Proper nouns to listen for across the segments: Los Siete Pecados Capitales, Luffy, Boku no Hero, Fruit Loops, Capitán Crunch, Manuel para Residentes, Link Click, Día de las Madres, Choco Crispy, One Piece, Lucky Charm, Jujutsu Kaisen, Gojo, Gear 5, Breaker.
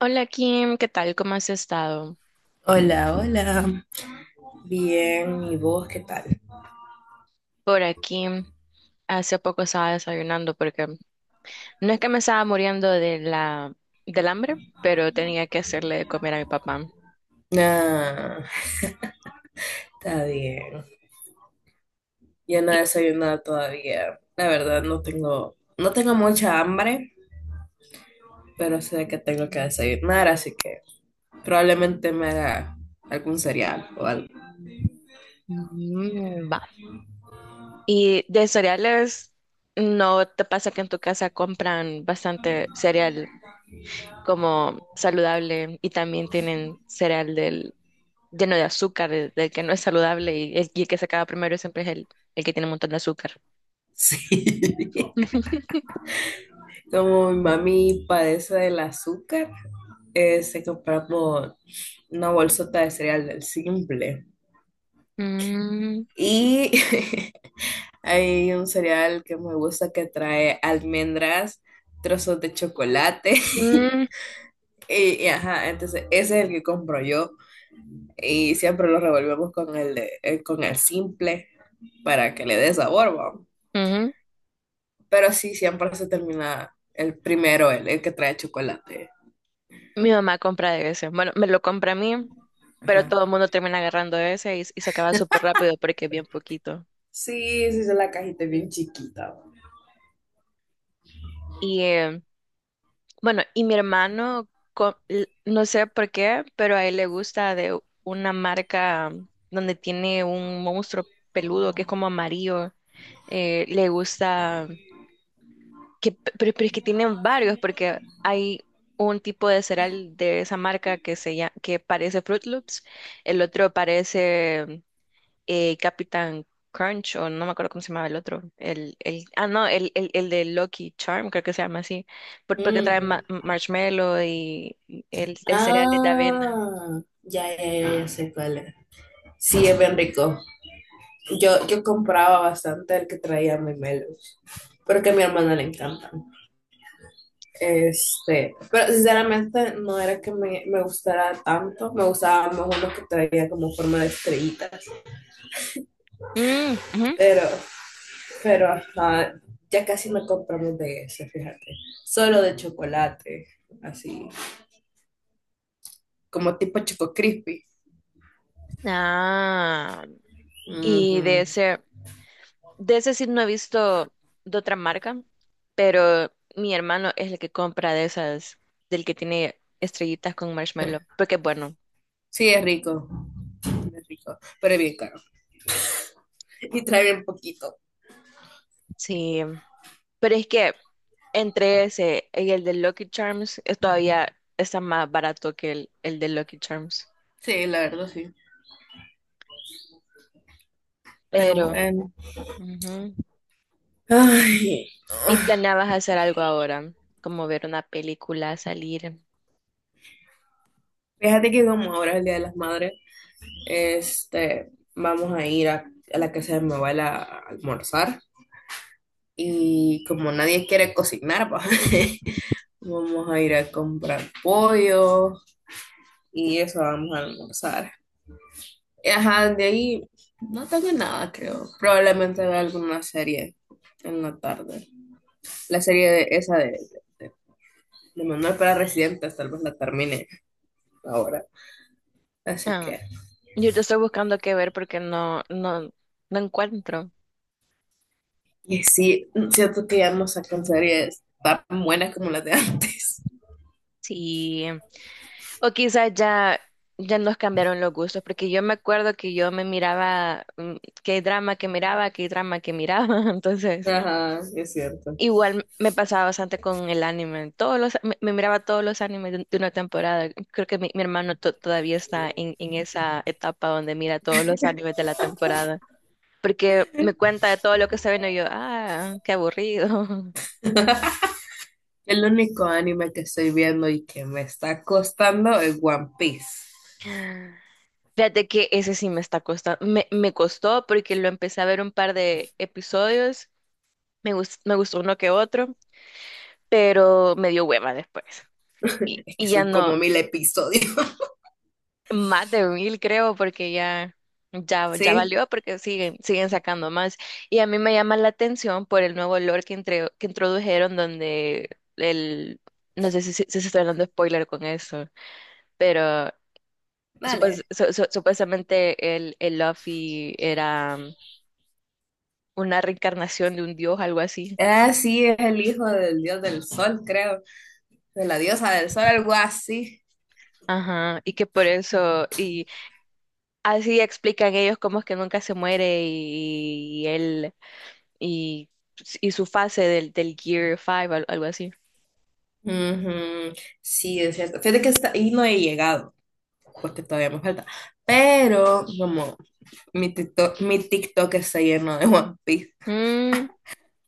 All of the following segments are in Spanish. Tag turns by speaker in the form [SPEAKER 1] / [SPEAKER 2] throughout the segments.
[SPEAKER 1] Hola Kim, ¿qué tal? ¿Cómo has estado?
[SPEAKER 2] Hola, hola. Bien, ¿y vos qué tal?
[SPEAKER 1] Por aquí hace poco estaba desayunando porque no es que me estaba muriendo de la del hambre, pero tenía que hacerle de comer a mi papá.
[SPEAKER 2] Ah, está bien. Yo no he
[SPEAKER 1] Y,
[SPEAKER 2] desayunado todavía. La verdad, no tengo mucha hambre, pero sé que tengo que desayunar, así que probablemente me haga algún cereal o algo.
[SPEAKER 1] mm, va. Y de cereales, ¿no te pasa que en tu casa compran bastante cereal como saludable y también tienen cereal del lleno de azúcar, del que no es saludable y el que se acaba primero siempre es el que tiene un montón de azúcar?
[SPEAKER 2] Sí. Como mi mami padece del azúcar, se compramos una bolsota de cereal del simple.
[SPEAKER 1] Mm,
[SPEAKER 2] Y hay un cereal que me gusta que trae almendras, trozos de chocolate.
[SPEAKER 1] mm,
[SPEAKER 2] Y ajá, entonces ese es el que compro yo. Y siempre lo revolvemos con con el simple para que le dé sabor, ¿va?
[SPEAKER 1] ujú.
[SPEAKER 2] Pero sí, siempre se termina el primero, el que trae chocolate.
[SPEAKER 1] Mi mamá compra de ese. Bueno, me lo compra a mí, pero
[SPEAKER 2] Ajá.
[SPEAKER 1] todo el mundo termina agarrando ese y se acaba súper rápido porque es bien poquito.
[SPEAKER 2] Sí, sí, la cajita es bien chiquita.
[SPEAKER 1] Y bueno, y mi hermano, no sé por qué, pero a él le gusta de una marca donde tiene un monstruo peludo que es como amarillo. Le gusta, que, pero es que tienen varios porque hay un tipo de cereal de esa marca que, se llama, que parece Fruit Loops, el otro parece... Capitán Crunch, o no me acuerdo cómo se llamaba el otro, ah, no, el de Lucky Charm, creo que se llama así, porque trae
[SPEAKER 2] Ujú.
[SPEAKER 1] marshmallow y el cereal es de avena.
[SPEAKER 2] Ah, ya, ya, ya, ya sé cuál es. Sí, es bien rico. Yo compraba bastante el que traía memelos, porque a mi hermana le encantan. Este, pero sinceramente no era que me gustara tanto, me gustaban mejor los que traía como forma de estrellitas,
[SPEAKER 1] Mm, ujú.
[SPEAKER 2] pero, pero ajá, ya casi no compramos de ese, fíjate. Solo de chocolate, así. Como tipo Choco Crispy.
[SPEAKER 1] Ah, y
[SPEAKER 2] Ujú.
[SPEAKER 1] de ese sí no he visto de otra marca, pero mi hermano es el que compra de esas, del que tiene estrellitas con marshmallow, porque es bueno,
[SPEAKER 2] Sí, es rico. Es rico, pero es bien caro. Y trae bien poquito.
[SPEAKER 1] sí. Pero es que entre ese y el de Lucky Charms es todavía está más barato que el de Lucky Charms.
[SPEAKER 2] Sí, la verdad sí. Pero
[SPEAKER 1] Pero,
[SPEAKER 2] bueno,
[SPEAKER 1] ujú.
[SPEAKER 2] ay,
[SPEAKER 1] ¿Y planeabas hacer algo ahora? Como ver una película, salir.
[SPEAKER 2] fíjate que como ahora es el Día de las Madres, vamos a ir a la casa de mi abuela a almorzar y como nadie quiere cocinar, pa, vamos a ir a comprar pollo y eso vamos a almorzar. Y, ajá, de ahí no tengo nada, creo. Probablemente vea alguna serie en la tarde. La serie de, esa de, de Manuel para Residentes, tal vez la termine ahora. Así
[SPEAKER 1] Ah,
[SPEAKER 2] que...
[SPEAKER 1] yo te estoy buscando qué ver porque no encuentro.
[SPEAKER 2] Y sí, siento que ya no sacan series tan buenas como las de antes.
[SPEAKER 1] Sí. O quizás ya, ya nos cambiaron los gustos, porque yo me acuerdo que yo me miraba, mm, qué drama que miraba, qué drama que miraba, entonces.
[SPEAKER 2] Ajá, es cierto.
[SPEAKER 1] Igual me pasaba bastante con el anime. Todos los, me miraba todos los animes de una temporada. Creo que mi hermano todavía está en esa etapa donde mira todos los animes de la temporada. Porque me cuenta de todo lo que está viendo y yo, ah, qué aburrido.
[SPEAKER 2] El único anime que estoy viendo y que me está costando es One Piece.
[SPEAKER 1] Fíjate que ese sí me está costando. Me costó porque lo empecé a ver un par de episodios. Me, me gustó uno que otro, pero me dio hueva después.
[SPEAKER 2] Es que
[SPEAKER 1] Y ya
[SPEAKER 2] son
[SPEAKER 1] no.
[SPEAKER 2] como 1000 episodios.
[SPEAKER 1] Más de mil, creo, porque ya, ya, ya
[SPEAKER 2] Sí,
[SPEAKER 1] valió, porque siguen, siguen sacando más. Y a mí me llama la atención por el nuevo lore que, que introdujeron, donde el, no sé si, si se está dando spoiler con eso, pero
[SPEAKER 2] dale.
[SPEAKER 1] supuestamente el Luffy era una reencarnación de un dios, algo así.
[SPEAKER 2] Ah, sí, es el hijo del dios del sol, creo. De la diosa del sol, algo así.
[SPEAKER 1] Ajá, y que por eso, y así explican ellos cómo es que nunca se muere y él y, y su fase del, del Gear 5, algo así.
[SPEAKER 2] Ujú, sí, es cierto. Fíjate que está, y no he llegado, porque todavía me falta. Pero, como, mi TikTok está lleno de One Piece.
[SPEAKER 1] Mm,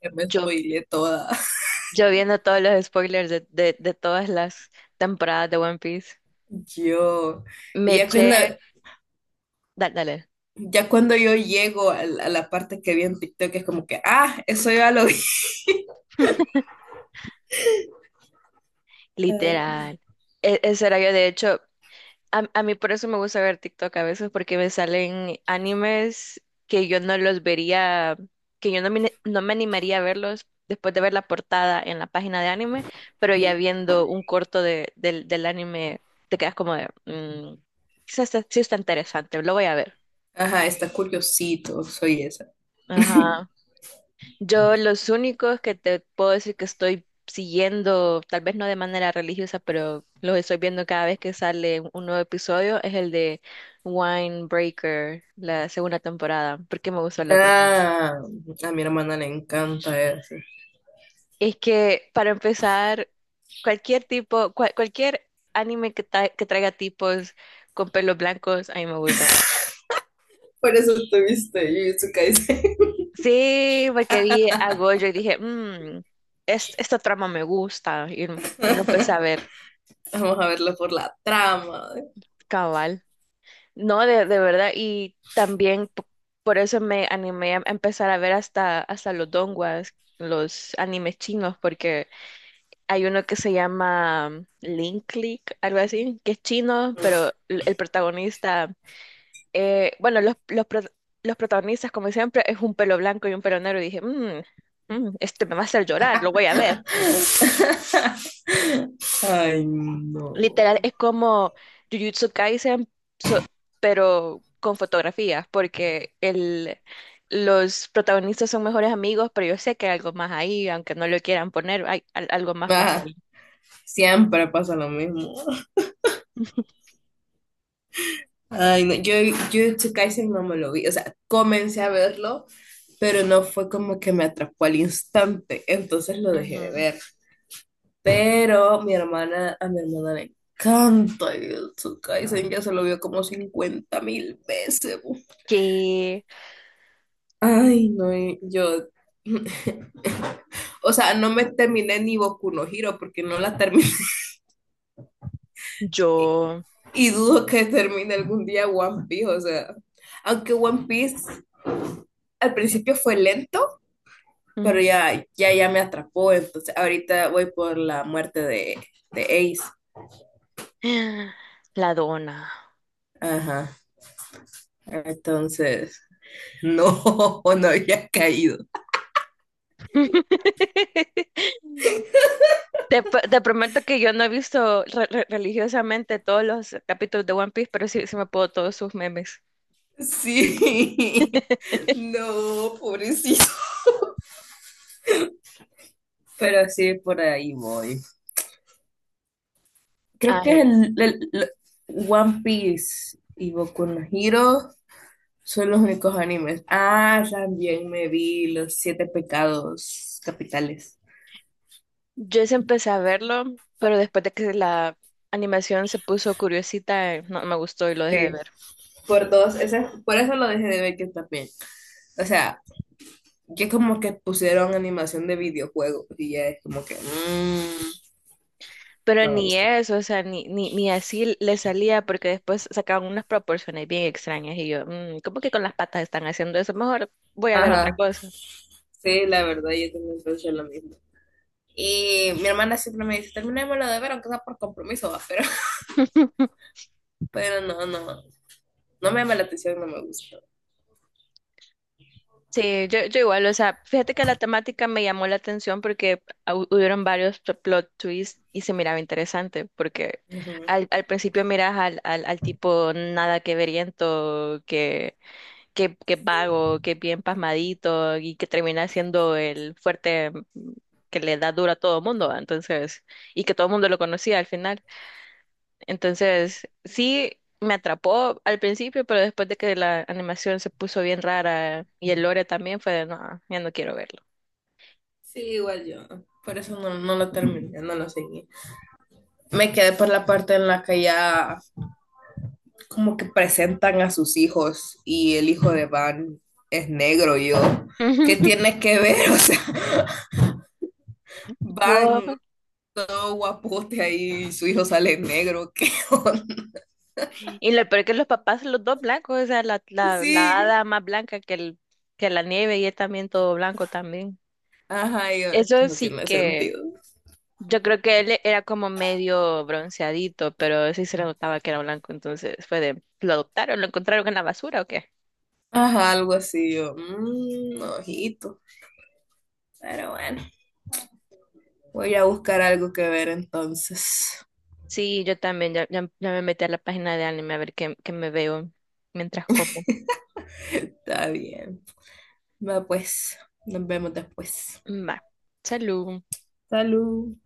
[SPEAKER 2] Ya me
[SPEAKER 1] yo,
[SPEAKER 2] spoileé toda.
[SPEAKER 1] yo viendo todos los spoilers de todas las temporadas de One Piece,
[SPEAKER 2] Yo. Y
[SPEAKER 1] me
[SPEAKER 2] ya
[SPEAKER 1] eché, dale,
[SPEAKER 2] ya cuando yo llego a a la parte que vi en TikTok, es como que, ah, eso ya lo vi. Ay.
[SPEAKER 1] literal. Ese era yo, de hecho. A mí por eso me gusta ver TikTok a veces porque me salen animes que yo no los vería, que yo no me, no me animaría a verlos después de ver la portada en la página de anime, pero ya
[SPEAKER 2] Ujú.
[SPEAKER 1] viendo un corto de, del, del anime te quedas como de, "Mm, quizás sí está interesante, lo voy a ver".
[SPEAKER 2] Ajá, está curiosito, soy esa.
[SPEAKER 1] Ajá. Yo los únicos que te puedo decir que estoy siguiendo, tal vez no de manera religiosa, pero los estoy viendo cada vez que sale un nuevo episodio, es el de Breaker, la segunda temporada, porque me gustó la primera.
[SPEAKER 2] Ah, a mi hermana le encanta eso.
[SPEAKER 1] Es que para empezar, cualquier tipo, cualquier anime que, que traiga tipos con pelos blancos, a mí me gusta.
[SPEAKER 2] Por eso tuviste Jujutsu Kaisen.
[SPEAKER 1] Sí, porque vi a Gojo y dije, mmm, esta trama me gusta, y lo empecé a ver,
[SPEAKER 2] Vamos a verlo por la trama.
[SPEAKER 1] cabal. No, de verdad, y también por eso me animé a empezar a ver hasta, hasta los donguas, los animes chinos, porque hay uno que se llama mm, Link Click, algo así, que es chino, pero el protagonista, bueno, los protagonistas, como siempre, es un pelo blanco y un pelo negro, y dije, "Mm, mm, este me va a hacer llorar, lo voy a ver".
[SPEAKER 2] Ay, no.
[SPEAKER 1] Literal, es como Jujutsu Kaisen, so- pero con fotografías, porque el, los protagonistas son mejores amigos, pero yo sé que hay algo más ahí, aunque no lo quieran poner, hay, algo más pasa
[SPEAKER 2] Ajá,
[SPEAKER 1] ahí.
[SPEAKER 2] siempre pasa lo mismo. Ay, no, yo Jujutsu Kaisen no me lo vi, o sea, comencé a verlo, pero no fue como que me atrapó al instante, entonces lo dejé de
[SPEAKER 1] Mm,
[SPEAKER 2] ver. Pero mi hermana, a mi hermana le encanta Jujutsu Kaisen, ya se lo vio como 50 000 veces. Bu.
[SPEAKER 1] que
[SPEAKER 2] Ay, no, y yo, o sea, no me terminé ni Boku no Hero porque no la terminé
[SPEAKER 1] yo,
[SPEAKER 2] y dudo que termine algún día One Piece, o sea, aunque One Piece al principio fue lento. Pero
[SPEAKER 1] ujú,
[SPEAKER 2] ya, ya, ya me atrapó, entonces ahorita voy por la muerte de Ace.
[SPEAKER 1] la dona.
[SPEAKER 2] Ajá. Entonces, no, no había caído.
[SPEAKER 1] Te, te prometo que yo no he visto religiosamente todos los capítulos de One Piece, pero sí, sí me puedo todos sus memes.
[SPEAKER 2] Sí, no, pobrecito. Pero sí, por ahí voy. Creo que
[SPEAKER 1] Ay,
[SPEAKER 2] One Piece y Boku no Hero son los únicos animes. Ah, también me vi Los Siete Pecados Capitales.
[SPEAKER 1] yo sí empecé a verlo, pero después de que la animación se puso curiosita, no me gustó y lo dejé de
[SPEAKER 2] Sí,
[SPEAKER 1] ver.
[SPEAKER 2] por eso lo dejé de ver que también. O sea, que como que pusieron animación de videojuego y ya es como que
[SPEAKER 1] Pero
[SPEAKER 2] no me
[SPEAKER 1] ni
[SPEAKER 2] gusta.
[SPEAKER 1] eso, o sea, ni, ni, ni así le salía, porque después sacaban unas proporciones bien extrañas y yo, "Mm, ¿cómo que con las patas están haciendo eso? Mejor voy a ver otra
[SPEAKER 2] Ajá,
[SPEAKER 1] cosa".
[SPEAKER 2] sí, la verdad, yo también pienso lo mismo. Y mi hermana siempre me dice, terminémoslo de ver, aunque sea por compromiso, va, pero, pero no, no, no me llama la atención, no me gusta.
[SPEAKER 1] Sí, yo igual, o sea, fíjate que la temática me llamó la atención porque hubieron varios plot twists y se miraba interesante, porque
[SPEAKER 2] Ujú.
[SPEAKER 1] al, al principio miras al, al, al tipo nada que veriento que qué, qué vago, qué bien pasmadito y que termina siendo el fuerte mm, que le da duro a todo mundo, ¿va? Entonces, y que todo el mundo lo conocía al final. Entonces, sí me atrapó al principio, pero después de que la animación se puso bien rara y el lore también fue de, no, ya no quiero verlo.
[SPEAKER 2] Sí, igual yo. Por eso no, no lo terminé, no lo seguí. Me quedé por la parte en la que ya como que presentan a sus hijos y el hijo de Van es negro, y yo. ¿Qué tiene que ver? O sea, Van
[SPEAKER 1] Wow.
[SPEAKER 2] todo guapote ahí, su hijo sale negro, ¿qué onda?
[SPEAKER 1] Y lo peor que los papás, los dos blancos, o sea, la
[SPEAKER 2] Sí.
[SPEAKER 1] hada más blanca que, el, que la nieve y él también todo blanco también.
[SPEAKER 2] Ajá, y yo, es que
[SPEAKER 1] Eso
[SPEAKER 2] no
[SPEAKER 1] sí
[SPEAKER 2] tiene
[SPEAKER 1] que...
[SPEAKER 2] sentido.
[SPEAKER 1] Yo creo que él era como medio bronceadito, pero sí se le notaba que era blanco, entonces fue de, ¿lo adoptaron? ¿Lo encontraron en la basura o qué?
[SPEAKER 2] Ajá, algo así, yo, mmm, ojito. Pero bueno, voy a buscar algo que ver entonces.
[SPEAKER 1] Sí, yo también, ya, ya, ya me metí a la página de anime a ver qué, qué me veo mientras como.
[SPEAKER 2] Está bien. Va pues, nos vemos después.
[SPEAKER 1] Va, salud.
[SPEAKER 2] Salud.